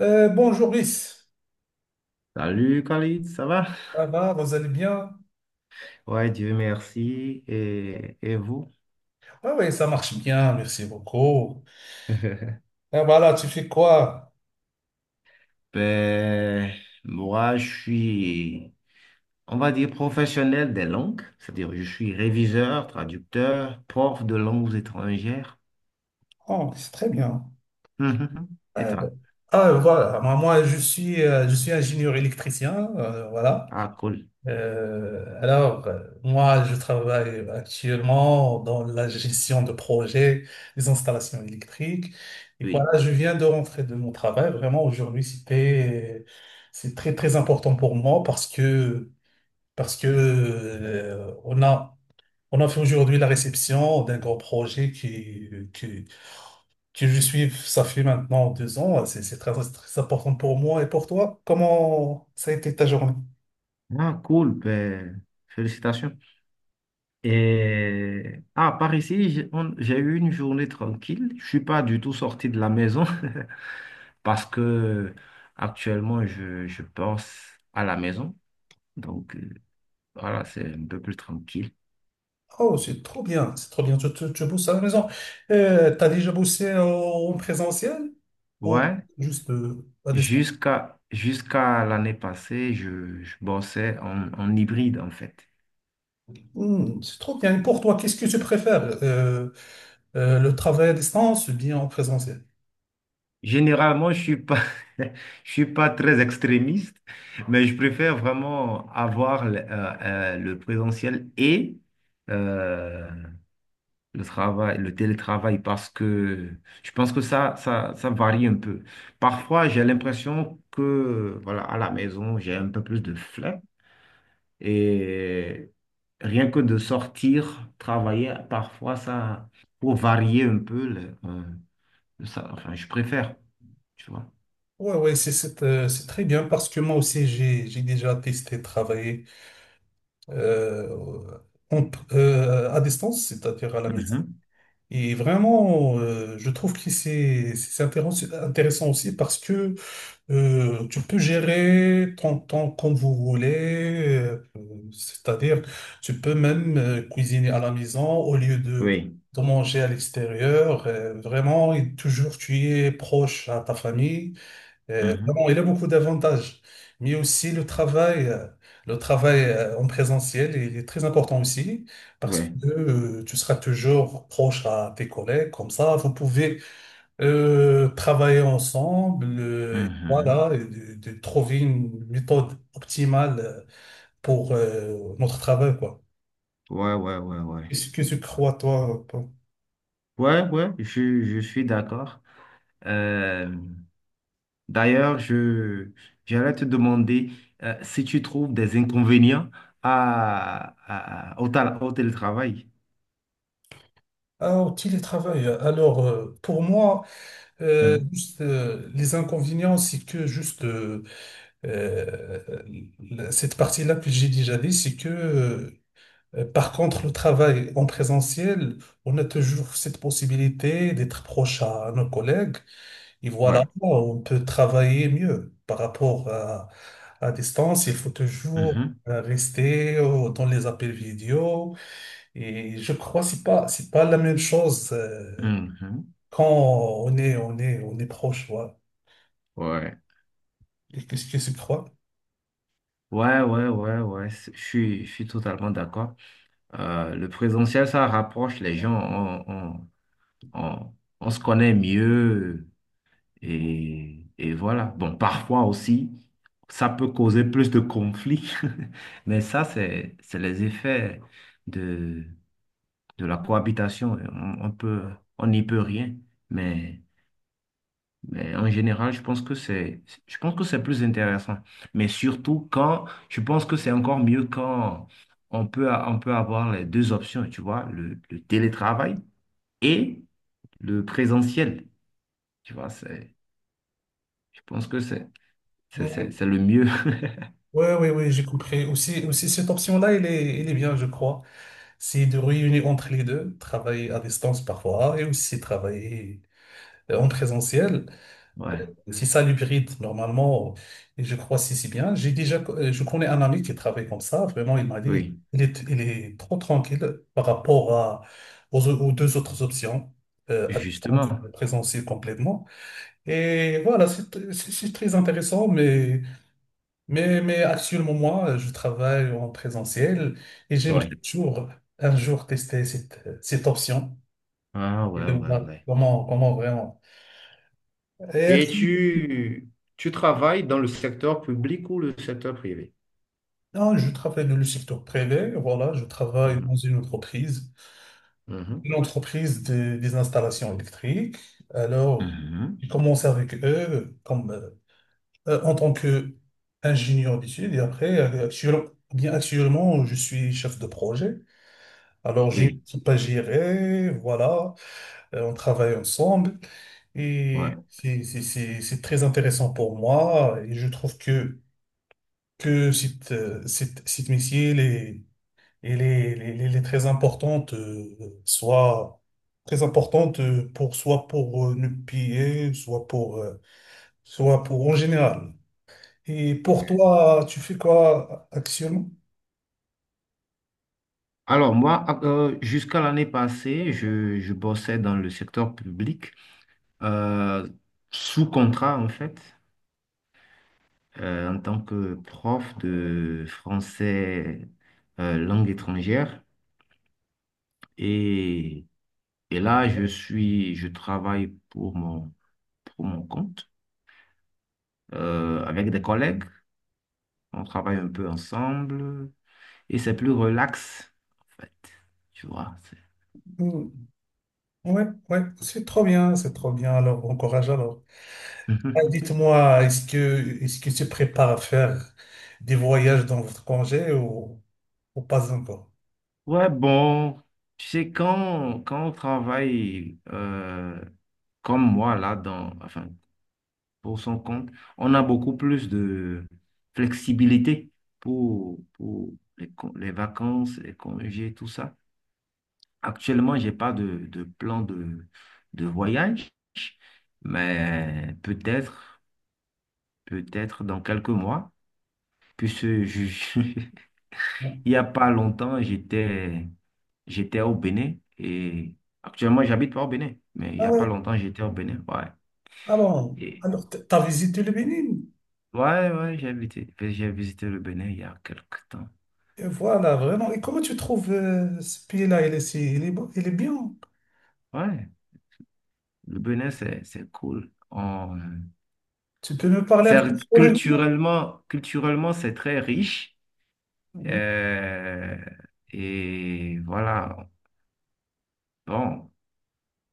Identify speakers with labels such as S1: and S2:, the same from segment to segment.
S1: Bonjour Brice,
S2: Salut Khalid, ça va?
S1: ça va, vous allez bien?
S2: Ouais, Dieu merci. Et vous?
S1: Ah oui, ça marche bien, merci beaucoup. Et voilà, tu fais quoi?
S2: Ben, moi, je suis on va dire, professionnel des langues, c'est-à-dire je suis réviseur, traducteur, prof de langues étrangères.
S1: Oh, c'est très bien.
S2: Mhm. Et
S1: Euh,
S2: toi?
S1: Voilà, moi, je suis ingénieur électricien, voilà.
S2: Ah, cool.
S1: Moi, je travaille actuellement dans la gestion de projets, des installations électriques. Et
S2: Oui.
S1: voilà, je viens de rentrer de mon travail. Vraiment, aujourd'hui, c'est très, très important pour moi parce que, on a fait aujourd'hui la réception d'un grand projet qui que je suis, ça fait maintenant 2 ans. C'est très très important pour moi et pour toi. Comment ça a été ta journée?
S2: Ah, cool. Ben, félicitations. Et, ah, par ici, j'ai eu une journée tranquille. Je suis pas du tout sorti de la maison. Parce que actuellement, je pense à la maison. Donc, voilà, c'est un peu plus tranquille.
S1: Oh, c'est trop bien, c'est trop bien. Tu bosses à la maison. T'as déjà bossé en présentiel ou
S2: Ouais,
S1: juste à distance?
S2: jusqu'à l'année passée, je bossais en, en hybride, en fait.
S1: Hmm, c'est trop bien. Et pour toi, qu'est-ce que tu préfères? Le travail à distance ou bien en présentiel?
S2: Généralement, je suis pas, je suis pas très extrémiste, mais je préfère vraiment avoir le présentiel et euh, le travail, le télétravail, parce que je pense que ça varie un peu. Parfois, j'ai l'impression que, voilà, à la maison, j'ai un peu plus de flemme et rien que de sortir, travailler, parfois, ça, pour varier un peu, enfin, je préfère, tu vois.
S1: Ouais, ouais, c'est très bien parce que moi aussi j'ai déjà testé travailler euh, à distance, c'est-à-dire à la maison.
S2: Mhm.
S1: Et vraiment, je trouve que c'est intéressant, intéressant aussi parce que tu peux gérer ton temps comme vous voulez, c'est-à-dire tu peux même cuisiner à la maison au lieu de
S2: Oui.
S1: manger à l'extérieur. Vraiment, et toujours tu es proche à ta famille.
S2: Mhm.
S1: Vraiment, il a beaucoup d'avantages, mais aussi le travail en présentiel il est très important aussi parce
S2: Ouais.
S1: que tu seras toujours proche à tes collègues, comme ça vous pouvez travailler ensemble, et
S2: Mhm.
S1: voilà, et de trouver une méthode optimale pour notre travail, quoi.
S2: Ouais, ouais, ouais, ouais.
S1: Qu'est-ce que tu crois, toi? Paul.
S2: Ouais, ouais, je suis d'accord. Euh, D'ailleurs, j'allais te demander si tu trouves des inconvénients à, au télétravail.
S1: Ah, au télétravail. Alors, pour moi,
S2: Mhm.
S1: juste, les inconvénients, c'est que juste Euh, la- cette partie-là que j'ai déjà dit, c'est que par contre, le travail en présentiel, on a toujours cette possibilité d'être proche à nos collègues et voilà,
S2: Ouais,
S1: on peut travailler mieux par rapport à distance. Il faut toujours
S2: Mhm,
S1: rester dans les appels vidéo et je crois que c'est pas la même chose
S2: mhm.
S1: quand on est proche. Ouais.
S2: Ouais.
S1: Qu'est-ce que c'est que trois?
S2: Ouais, ouais, ouais, ouais, je suis totalement d'accord. Le présentiel, ça rapproche les gens, on, on se connaît mieux et voilà. Bon, parfois aussi, ça peut causer plus de conflits, mais ça, c'est les effets de la cohabitation, on peut, on n'y peut rien, mais, mais en général, je pense que c'est plus intéressant. Mais surtout quand, je pense que c'est encore mieux quand on peut, on peut avoir les deux options, tu vois, le télétravail et le présentiel, tu vois, c'est, je pense que
S1: Oui,
S2: c'est le mieux.
S1: oui, oui, j'ai compris. Aussi, aussi cette option-là, elle est bien, je crois. C'est de réunir entre les deux, travailler à distance parfois et aussi travailler en présentiel.
S2: Ouais,
S1: C'est ça l'hybride, normalement. Et je crois si, si bien. J'ai déjà, je connais un ami qui travaille comme ça. Vraiment, il m'a dit,
S2: oui,
S1: il est trop tranquille par rapport à, aux deux autres options, à distance,
S2: justement.
S1: en présentiel complètement. Et voilà, c'est très intéressant, mais actuellement, moi, je travaille en présentiel et j'aimerais
S2: Ouais.
S1: toujours, un jour, tester cette option
S2: Ah
S1: et
S2: ouais,
S1: de
S2: ouais,
S1: voir
S2: ouais.
S1: comment vraiment.
S2: Et tu travailles dans le secteur public ou le secteur privé?
S1: Non, je travaille dans le secteur privé, voilà, je travaille dans
S2: Mhm. Mhm,
S1: une entreprise des installations électriques. Alors,
S2: mhm.
S1: j'ai commencé avec eux en tant qu'ingénieur d'études et après, actuellement, je suis chef de projet. Alors, j'ai une
S2: Oui,
S1: équipe à gérer, voilà, on travaille ensemble
S2: ouais.
S1: et c'est très intéressant pour moi et je trouve que, que cette métier, elle est très importante, soit très importante pour soit pour nous piller, soit pour en général. Et pour toi, tu fais quoi actuellement?
S2: Alors moi, jusqu'à l'année passée, je bossais dans le secteur public, euh, sous contrat en fait, en tant que prof de français langue étrangère. Et, et là, je travaille pour mon compte, avec des collègues. On travaille un peu ensemble et c'est plus relax en fait. Tu vois,
S1: Mm. Ouais, ouais, c'est trop bien, c'est trop bien. Alors, bon courage alors.
S2: c'est...
S1: Ah, dites-moi, est-ce que tu prépares à faire des voyages dans votre congé ou pas encore?
S2: Ouais, bon, tu sais, quand on travaille comme moi, là, dans, enfin, pour son compte, on a beaucoup plus de flexibilité pour les, les vacances, les congés, tout ça. Actuellement, j'ai pas de, de plan de voyage, mais peut-être, peut-être dans quelques mois, puisse juger.
S1: Bon.
S2: Il y a pas longtemps, j'étais au Bénin et actuellement, j'habite pas au Bénin, mais il y
S1: Ah
S2: a pas
S1: ouais,
S2: longtemps, j'étais au Bénin. Ouais.
S1: ah bon.
S2: Et-
S1: Alors, t'as visité le Bénin?
S2: ouais, ouais, j'ai visité le Bénin il y a quelques temps.
S1: Et voilà, vraiment. Et comment tu trouves ce pays-là? Il est, si- il est, bon- Il est bien.
S2: Ouais, le Bénin, c'est cool.
S1: Tu peux me parler un peu sur le...
S2: Culturellement, c'est très riche.
S1: Mhm.
S2: Euh, et voilà. Bon,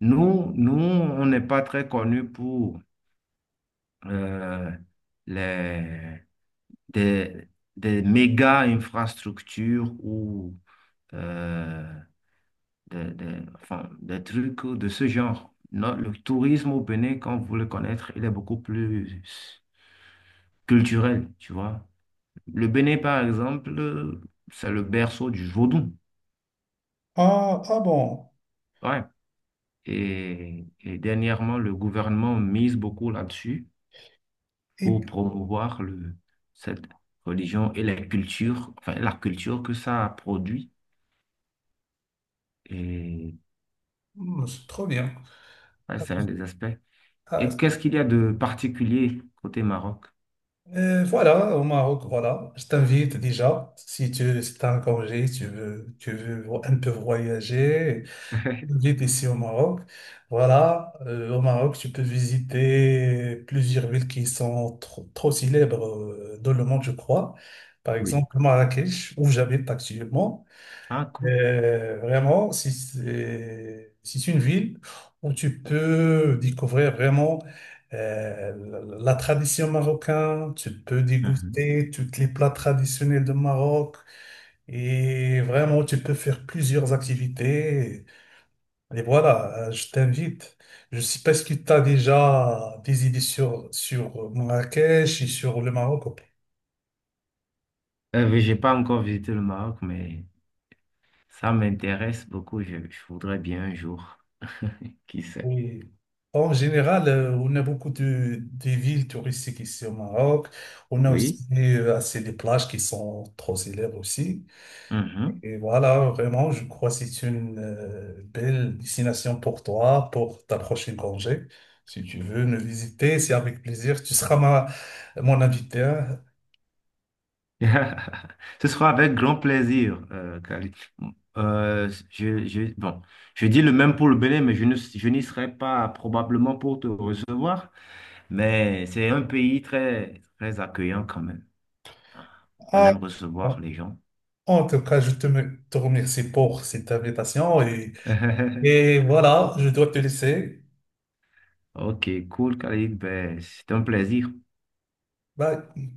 S2: on n'est pas très connus pour euh, les des, des méga infrastructures ou euh, enfin, des trucs de ce genre. Non, le tourisme au Bénin, quand vous le connaître, il est beaucoup plus culturel, tu vois. Le Bénin, par exemple, c'est le berceau du vaudou.
S1: Ah, ah bon.
S2: Ouais. Et dernièrement, le gouvernement mise beaucoup là-dessus
S1: Et,
S2: pour
S1: puis,
S2: promouvoir cette religion et la culture, enfin la culture que ça a produit. Et
S1: hmm, c'est trop bien.
S2: ouais, c'est un des aspects. Et
S1: Ah,
S2: qu'est-ce qu'il y a de particulier côté Maroc?
S1: voilà, au Maroc, voilà. Je t'invite déjà. Si tu as un congé, si tu veux, un peu voyager. J'habite ici au Maroc. Voilà, au Maroc, tu peux visiter plusieurs villes qui sont trop, trop célèbres dans le monde, je crois. Par
S2: Oui.
S1: exemple, Marrakech, où j'habite actuellement.
S2: Ah, cool.
S1: Vraiment, si c'est une ville où tu peux découvrir vraiment euh, la tradition marocaine, tu peux
S2: Mhm.
S1: déguster tous les plats traditionnels de Maroc. Et vraiment, tu peux faire plusieurs activités. Et voilà, je t'invite. Je sais pas si tu as déjà des idées sur Marrakech et sur le Maroc.
S2: Mais j'ai pas encore visité le Maroc, mais ça m'intéresse beaucoup. Je voudrais bien un jour. Qui sait?
S1: Oui. En général, on a beaucoup de, des villes touristiques ici au Maroc. On a
S2: Oui.
S1: aussi assez des plages qui sont trop célèbres aussi.
S2: Mhm.
S1: Et voilà, vraiment, je crois que c'est une belle destination pour toi, pour ta prochaine congé. Si tu veux nous visiter, c'est avec plaisir. Tu seras ma, mon invité, hein.
S2: Ce sera avec grand plaisir, Khalid. Bon, je dis le même pour le Bénin, mais je n'y serai pas probablement pour te recevoir. Mais c'est un pays très, très accueillant quand même. On aime
S1: Ah,
S2: recevoir les gens.
S1: en tout cas, te remercie pour cette invitation et voilà, je dois te laisser.
S2: Ok, cool, Khalid. Ben, c'était un plaisir.
S1: Bye.